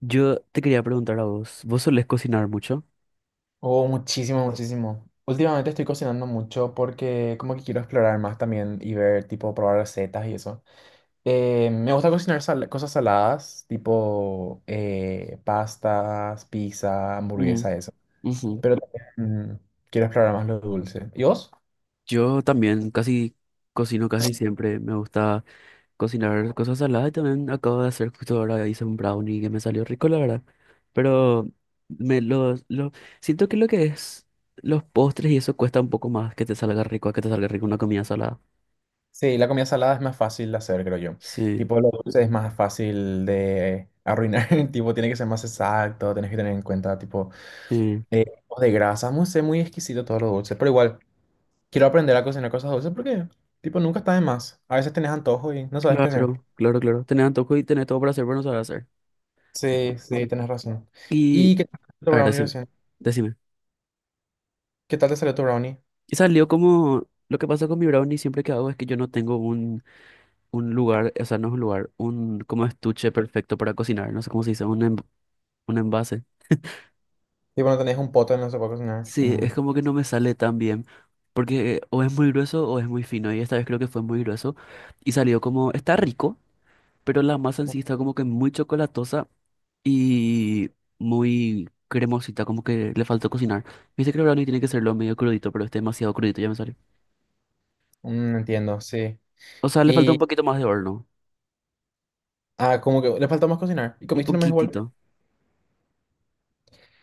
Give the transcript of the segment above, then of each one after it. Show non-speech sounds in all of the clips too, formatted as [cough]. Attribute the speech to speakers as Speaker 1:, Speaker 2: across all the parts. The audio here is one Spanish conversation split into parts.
Speaker 1: Yo te quería preguntar a vos, ¿vos solés cocinar mucho?
Speaker 2: Oh, muchísimo, muchísimo. Últimamente estoy cocinando mucho porque como que quiero explorar más también y ver, tipo, probar recetas y eso. Me gusta cocinar cosas saladas, tipo pastas, pizza,
Speaker 1: Mm,
Speaker 2: hamburguesa, eso.
Speaker 1: ujú.
Speaker 2: Pero también quiero explorar más lo dulce. ¿Y vos?
Speaker 1: Yo también casi cocino casi siempre, me gusta cocinar cosas saladas y también acabo de hacer justo ahora hice un brownie que me salió rico, la verdad. Pero me lo siento que lo que es los postres y eso cuesta un poco más que te salga rico, a que te salga rico una comida salada.
Speaker 2: Sí, la comida salada es más fácil de hacer, creo yo.
Speaker 1: Sí,
Speaker 2: Tipo, lo dulce es más fácil de arruinar. [laughs] Tipo, tiene que ser más exacto, tenés que tener en cuenta, tipo,
Speaker 1: sí,
Speaker 2: tipos de grasa. No sé, muy exquisito todo lo dulce, pero igual. Quiero aprender a cocinar cosas dulces porque, tipo, nunca está de más. A veces tenés antojo y no sabes qué hacer.
Speaker 1: claro, claro, claro. Tenés antojo y tenés todo para hacer, pero no sabés hacer.
Speaker 2: Sí, sí, tenés razón.
Speaker 1: Y,
Speaker 2: ¿Y qué tal te salió tu
Speaker 1: a ver,
Speaker 2: brownie
Speaker 1: decime,
Speaker 2: recién?
Speaker 1: decime.
Speaker 2: ¿Qué tal te salió tu brownie?
Speaker 1: Y salió como, lo que pasa con mi brownie siempre que hago es que yo no tengo un lugar, o sea, no es un lugar, un como estuche perfecto para cocinar, no sé cómo se dice, un envase.
Speaker 2: Tipo, no tenés un pote, no se puede cocinar.
Speaker 1: Sí, es como que no me sale tan bien, porque o es muy grueso o es muy fino, y esta vez creo que fue muy grueso, y salió como, está rico, pero la masa en sí está como que muy chocolatosa y muy cremosita, como que le faltó cocinar. Viste que el brownie tiene que serlo medio crudito, pero este demasiado crudito, ya me salió.
Speaker 2: No entiendo, sí.
Speaker 1: O sea, le falta un
Speaker 2: Y,
Speaker 1: poquito más de horno,
Speaker 2: como que le faltó más cocinar. Y
Speaker 1: un
Speaker 2: comiste nomás igual.
Speaker 1: poquitito.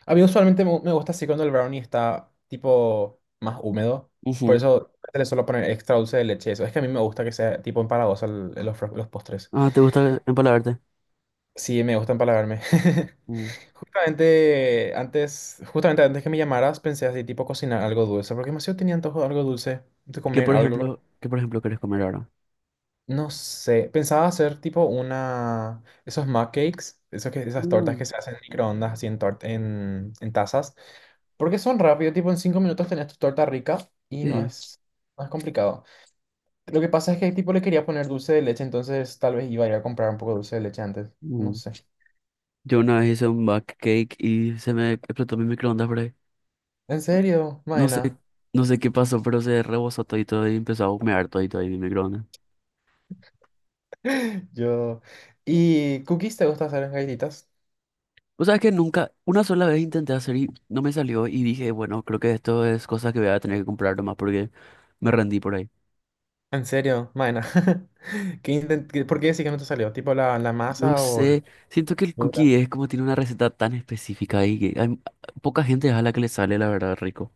Speaker 2: A mí usualmente me gusta así cuando el brownie está, tipo, más húmedo. Por
Speaker 1: Ujú.
Speaker 2: eso le suelo poner extra dulce de leche. Eso es que a mí me gusta que sea, tipo, empalagoso los postres.
Speaker 1: Ah, ¿te gusta empalagarte?
Speaker 2: Sí, me gusta empalagarme. [laughs]
Speaker 1: Mm.
Speaker 2: Justamente antes que me llamaras, pensé así, tipo cocinar algo dulce, porque demasiado tenía antojo de algo dulce, de
Speaker 1: ¿Y qué,
Speaker 2: comer
Speaker 1: por
Speaker 2: algo.
Speaker 1: ejemplo, querés comer ahora?
Speaker 2: No sé, pensaba hacer tipo una, esos mug cakes, esos que, esas tortas
Speaker 1: Mm,
Speaker 2: que se hacen en microondas, así en tazas, porque son rápido, tipo en 5 minutos tenés tu torta rica y no
Speaker 1: sí.
Speaker 2: es, no es complicado. Lo que pasa es que tipo le quería poner dulce de leche, entonces tal vez iba a ir a comprar un poco de dulce de leche antes, no
Speaker 1: Mm.
Speaker 2: sé.
Speaker 1: Yo una vez hice un back cake y se me explotó mi microondas por ahí.
Speaker 2: ¿En serio,
Speaker 1: No sé,
Speaker 2: Maena?
Speaker 1: no sé, qué pasó, pero se rebosó todito y empezó a humear todito ahí mi microondas.
Speaker 2: Yo. ¿Y cookies te gusta hacer en galletitas?
Speaker 1: O sea, que nunca, una sola vez intenté hacer y no me salió y dije, bueno, creo que esto es cosa que voy a tener que comprar nomás porque me rendí por ahí.
Speaker 2: En serio, Maena. [laughs] [laughs] ¿Por qué decís que no te salió? ¿Tipo la
Speaker 1: No
Speaker 2: masa o la
Speaker 1: sé, siento que el
Speaker 2: textura?
Speaker 1: cookie es como tiene una receta tan específica y que hay, poca gente es a la que le sale la verdad rico.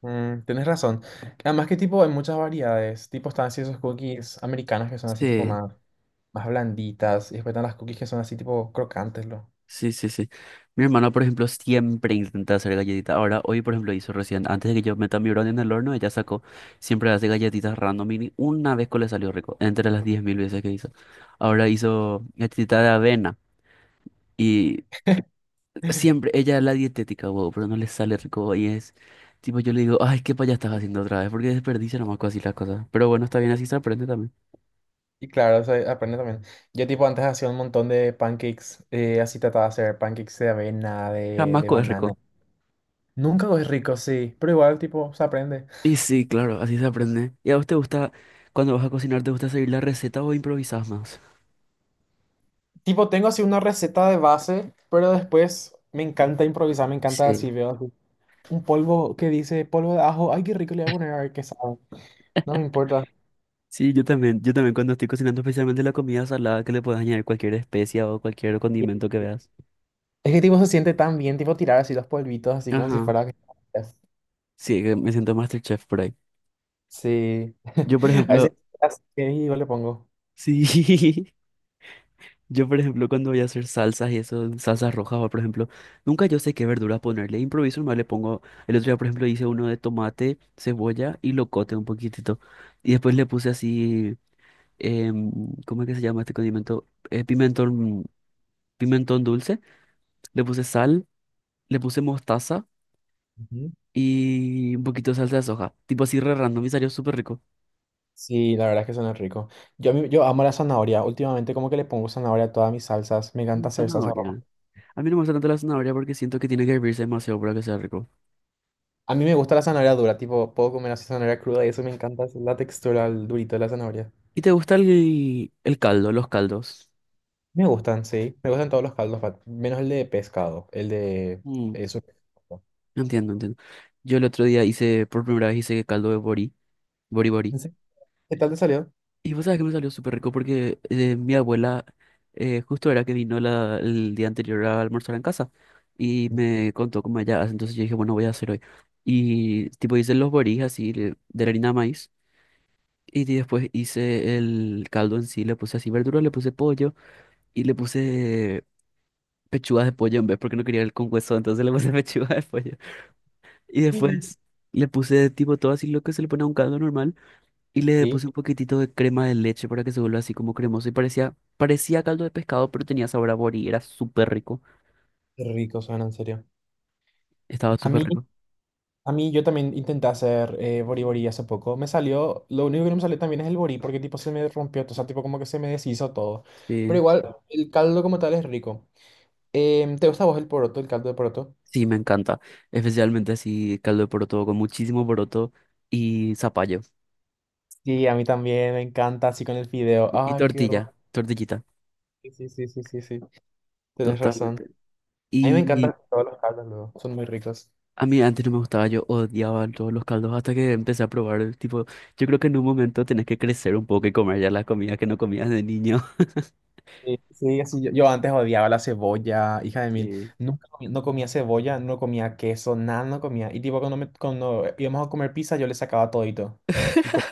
Speaker 2: Mm, tenés razón. Además que tipo hay muchas variedades. Tipo están así esos cookies americanos que son así tipo
Speaker 1: Sí,
Speaker 2: más blanditas. Y después están las cookies que son así tipo crocantes, lo.
Speaker 1: sí, sí, sí. Mi hermana, por ejemplo, siempre intenta hacer galletitas. Ahora, hoy, por ejemplo, hizo recién, antes de que yo meta mi brownie en el horno, ella sacó, siempre hace galletitas random y ni una vez que le salió rico, entre las 10,000 veces que hizo. Ahora hizo galletita de avena y siempre,
Speaker 2: [laughs]
Speaker 1: ella es la dietética, wow, pero no le sale rico y es, tipo, yo le digo, ay, qué payas estás haciendo otra vez, porque desperdicia nomás así las cosas. Pero bueno, está bien, así se aprende también.
Speaker 2: Y claro, eso aprende también. Yo tipo antes hacía un montón de pancakes. Así trataba de hacer pancakes de avena, de,
Speaker 1: Jamás
Speaker 2: de
Speaker 1: es
Speaker 2: banana.
Speaker 1: rico.
Speaker 2: Nunca es rico, sí. Pero igual tipo se aprende.
Speaker 1: Y sí, claro, así se aprende. ¿Y a vos te gusta, cuando vas a cocinar, te gusta seguir la receta o improvisás más?
Speaker 2: Tipo, tengo así una receta de base, pero después me encanta improvisar, me encanta así,
Speaker 1: Sí,
Speaker 2: veo así un polvo que dice polvo de ajo, ay, qué rico le voy a poner, a ver qué sabe, no me importa.
Speaker 1: sí, yo también cuando estoy cocinando especialmente la comida salada, que le puedes añadir cualquier especia o cualquier condimento que veas.
Speaker 2: Es que tipo se siente tan bien, tipo tirar así los polvitos, así como si
Speaker 1: Ajá,
Speaker 2: fuera.
Speaker 1: sí, que me siento MasterChef por ahí.
Speaker 2: Sí,
Speaker 1: Yo, por
Speaker 2: [laughs] a veces
Speaker 1: ejemplo,
Speaker 2: así que yo le pongo.
Speaker 1: sí, [laughs] yo, por ejemplo, cuando voy a hacer salsas y eso, salsas rojas, o por ejemplo, nunca yo sé qué verduras ponerle, improviso, nomás le pongo, el otro día, por ejemplo, hice uno de tomate, cebolla y locote un poquitito, y después le puse así em, ¿cómo es que se llama este condimento? Pimentón, pimentón dulce, le puse sal, le puse mostaza
Speaker 2: Ujú.
Speaker 1: y un poquito de salsa de soja, tipo así re random y salió súper rico.
Speaker 2: Sí, la verdad es que suena rico. Yo amo la zanahoria, últimamente como que le pongo zanahoria a todas mis salsas, me
Speaker 1: Y
Speaker 2: encanta hacer salsa roja.
Speaker 1: zanahoria. A mí no me gusta tanto la zanahoria porque siento que tiene que hervirse demasiado para que sea rico.
Speaker 2: A mí me gusta la zanahoria dura, tipo, puedo comer así zanahoria cruda y eso me encanta, es la textura, el durito de la zanahoria.
Speaker 1: ¿Y te gusta el caldo, los caldos?
Speaker 2: Me gustan, sí. Me gustan todos los caldos, menos el de pescado, el de
Speaker 1: Mm,
Speaker 2: eso.
Speaker 1: entiendo, entiendo. Yo el otro día hice, por primera vez hice caldo de borí, borí borí.
Speaker 2: ¿En serio? ¿Qué tal te salió?
Speaker 1: Y vos sabés que me salió súper rico porque mi abuela justo era que vino el día anterior a almorzar en casa y
Speaker 2: Ujú.
Speaker 1: me contó cómo ella hace. Entonces yo dije, bueno, voy a hacer hoy. Y tipo hice los borís así de la harina de maíz y después hice el caldo en sí, le puse así verduras, le puse pollo y le puse pechugas de pollo en vez porque no quería el con hueso, entonces le puse [laughs] pechuga de pollo. Y
Speaker 2: Sí,
Speaker 1: después le puse tipo todo así lo que se le pone a un caldo normal. Y le
Speaker 2: sí,
Speaker 1: puse un poquitito de crema de leche para que se vuelva así como cremoso. Y parecía, parecía caldo de pescado, pero tenía sabor a borí. Era súper rico.
Speaker 2: qué rico suena, en serio.
Speaker 1: Estaba
Speaker 2: A
Speaker 1: súper
Speaker 2: mí,
Speaker 1: rico.
Speaker 2: a mí yo también intenté hacer bori bori hace poco. Me salió, lo único que no me salió también es el bori, porque tipo se me rompió, o sea, tipo como que se me deshizo todo. Pero
Speaker 1: Sí.
Speaker 2: igual, el caldo como tal es rico. ¿Te gusta a vos el poroto, el caldo de poroto?
Speaker 1: Sí, me encanta. Especialmente así caldo de poroto con muchísimo poroto y zapallo.
Speaker 2: Sí, a mí también me encanta, así con el fideo.
Speaker 1: Y
Speaker 2: Ay, qué
Speaker 1: tortilla,
Speaker 2: rico.
Speaker 1: tortillita.
Speaker 2: Sí, sí, sí, sí, sí. Tenés razón.
Speaker 1: Totalmente.
Speaker 2: A mí me encantan
Speaker 1: Y
Speaker 2: todas las carnes, luego. Son muy ricas.
Speaker 1: a mí antes no me gustaba, yo odiaba todos los caldos hasta que empecé a probar. Tipo, yo creo que en un momento tenés que crecer un poco y comer ya las comidas que no comías de niño. [laughs]
Speaker 2: Sí, sí, así yo antes odiaba la cebolla, hija de mil.
Speaker 1: Sí.
Speaker 2: Nunca comí- No comía cebolla, no comía queso, nada, no comía. Y tipo, cuando íbamos a comer pizza, yo le sacaba todito. Y comía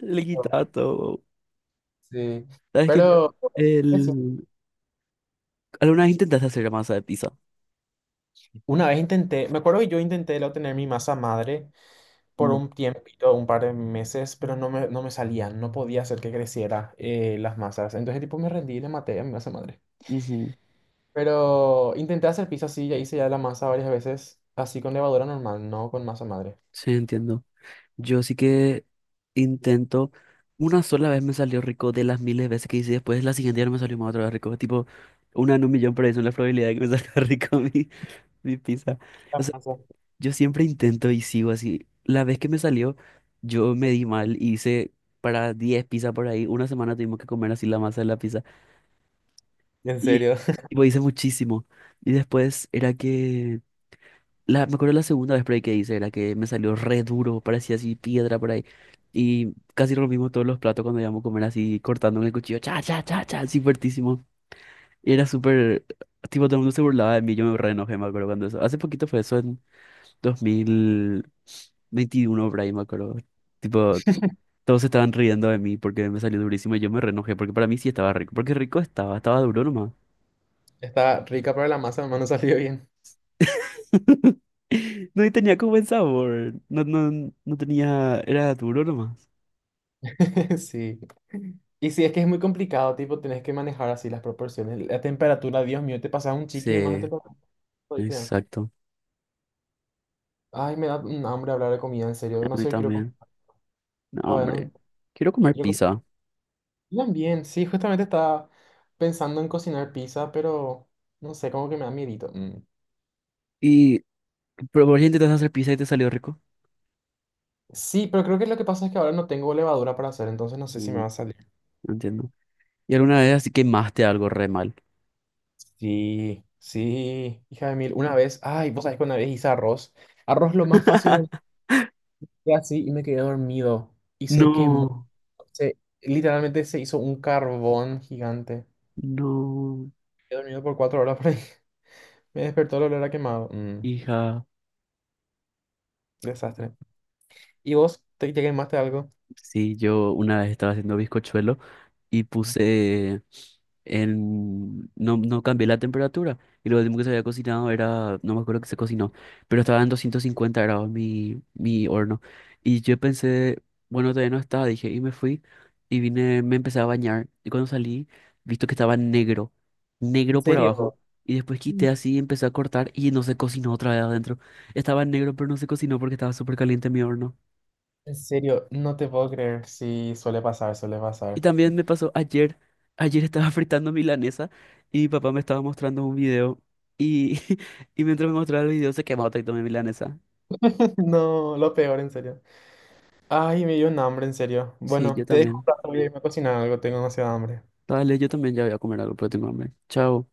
Speaker 1: Le
Speaker 2: todo.
Speaker 1: quitaba todo.
Speaker 2: Sí.
Speaker 1: ¿Sabes que Yo,
Speaker 2: Pero, eso.
Speaker 1: el, ¿Alguna vez intentaste hacer masa de pizza?
Speaker 2: Una vez intenté, me acuerdo que yo intenté lo tener mi masa madre por
Speaker 1: Mm,
Speaker 2: un tiempito, un par de meses, pero no me salía, no podía hacer que creciera las masas. Entonces, tipo, me rendí y le maté a mi masa madre.
Speaker 1: ujú.
Speaker 2: Pero intenté hacer pizza así, ya hice ya la masa varias veces, así con levadura normal, no con masa madre.
Speaker 1: Sí, entiendo. Yo sí que intento. Una sola vez me salió rico de las miles de veces que hice. Después, la siguiente día no me salió más otra vez rico. Tipo, una en un millón, por eso es la probabilidad de que me salga [laughs] rico mi pizza.
Speaker 2: La
Speaker 1: O sea,
Speaker 2: masa.
Speaker 1: yo siempre intento y sigo así. La vez que me salió, yo me di mal. Y hice para 10 pizzas por ahí. Una semana tuvimos que comer así la masa de la pizza.
Speaker 2: En
Speaker 1: Y
Speaker 2: serio,
Speaker 1: tipo, hice muchísimo. Y después era que. La, me acuerdo la segunda vez por ahí que hice, la que me salió re duro, parecía así piedra por ahí. Y casi rompimos todos los platos cuando íbamos a comer así, cortando con el cuchillo, cha, cha, cha, cha, así fuertísimo. Y era súper, tipo, todo el mundo se burlaba de mí, yo me re enojé, me acuerdo cuando eso. Hace poquito fue eso, en 2021 por ahí, me acuerdo. Tipo, todos se estaban riendo de mí porque me salió durísimo y yo me re enojé, porque para mí sí estaba rico, porque rico estaba, estaba duro nomás.
Speaker 2: [laughs] está rica para la masa, nomás no salió bien.
Speaker 1: [laughs] No, y tenía como buen sabor. No, no, no tenía, era duro nomás.
Speaker 2: [laughs] Sí. Y sí, es que es muy complicado, tipo, tenés que manejar así las proporciones. La temperatura, Dios mío, te pasas un chiqui de más a
Speaker 1: Sí,
Speaker 2: temperatura. Ahorita.
Speaker 1: exacto.
Speaker 2: Ay, me da un hambre hablar de comida, en serio.
Speaker 1: A
Speaker 2: No
Speaker 1: mí
Speaker 2: sé, quiero comer.
Speaker 1: también. No,
Speaker 2: Todavía
Speaker 1: hombre.
Speaker 2: no-
Speaker 1: Quiero comer
Speaker 2: quiero co-
Speaker 1: pizza.
Speaker 2: Cocinan sí, justamente estaba pensando en cocinar pizza, pero no sé, como que me da miedito. Mm.
Speaker 1: Y pero vos ya intentaste hacer pizza y te salió rico.
Speaker 2: Sí, pero creo que lo que pasa es que ahora no tengo levadura para hacer, entonces no sé si me
Speaker 1: Mm,
Speaker 2: va a salir.
Speaker 1: no entiendo. Y alguna vez así quemaste algo re mal.
Speaker 2: Sí, sí, hija de mil. Una vez, ay, vos sabés que una vez hice arroz. Arroz lo más fácil
Speaker 1: [laughs]
Speaker 2: fue así y me quedé dormido. Y se quemó.
Speaker 1: No,
Speaker 2: Literalmente se hizo un carbón gigante.
Speaker 1: no.
Speaker 2: He dormido por 4 horas por ahí. [laughs] Me despertó el olor a quemado. Mm,
Speaker 1: Hija.
Speaker 2: desastre. ¿Y vos te quemaste algo?
Speaker 1: Sí, yo una vez estaba haciendo bizcochuelo. Y puse en... No, no cambié la temperatura. Y lo último que se había cocinado era... No me acuerdo que se cocinó. Pero estaba en 250 grados mi horno. Y yo pensé, bueno, todavía no está. Dije, y me fui. Y vine, me empecé a bañar. Y cuando salí, visto que estaba negro.
Speaker 2: ¿En
Speaker 1: Negro por abajo.
Speaker 2: serio?
Speaker 1: Y después quité así y empecé a cortar. Y no se cocinó otra vez adentro. Estaba negro, pero no se cocinó porque estaba súper caliente mi horno.
Speaker 2: En serio, no te puedo creer. Sí, suele pasar, suele
Speaker 1: Y
Speaker 2: pasar.
Speaker 1: también me pasó ayer, ayer estaba [laughs] fritando milanesa y mi papá me estaba mostrando un video y, [laughs] y mientras me mostraba el video se quemó todo mi milanesa.
Speaker 2: [laughs] No, lo peor, en serio. Ay, me dio un hambre, en serio.
Speaker 1: Sí, yo
Speaker 2: Bueno, te dejo, un
Speaker 1: también.
Speaker 2: rato, voy a irme a cocinar algo, tengo demasiada hambre.
Speaker 1: Dale, yo también ya voy a comer algo, pero tengo hambre. Chao.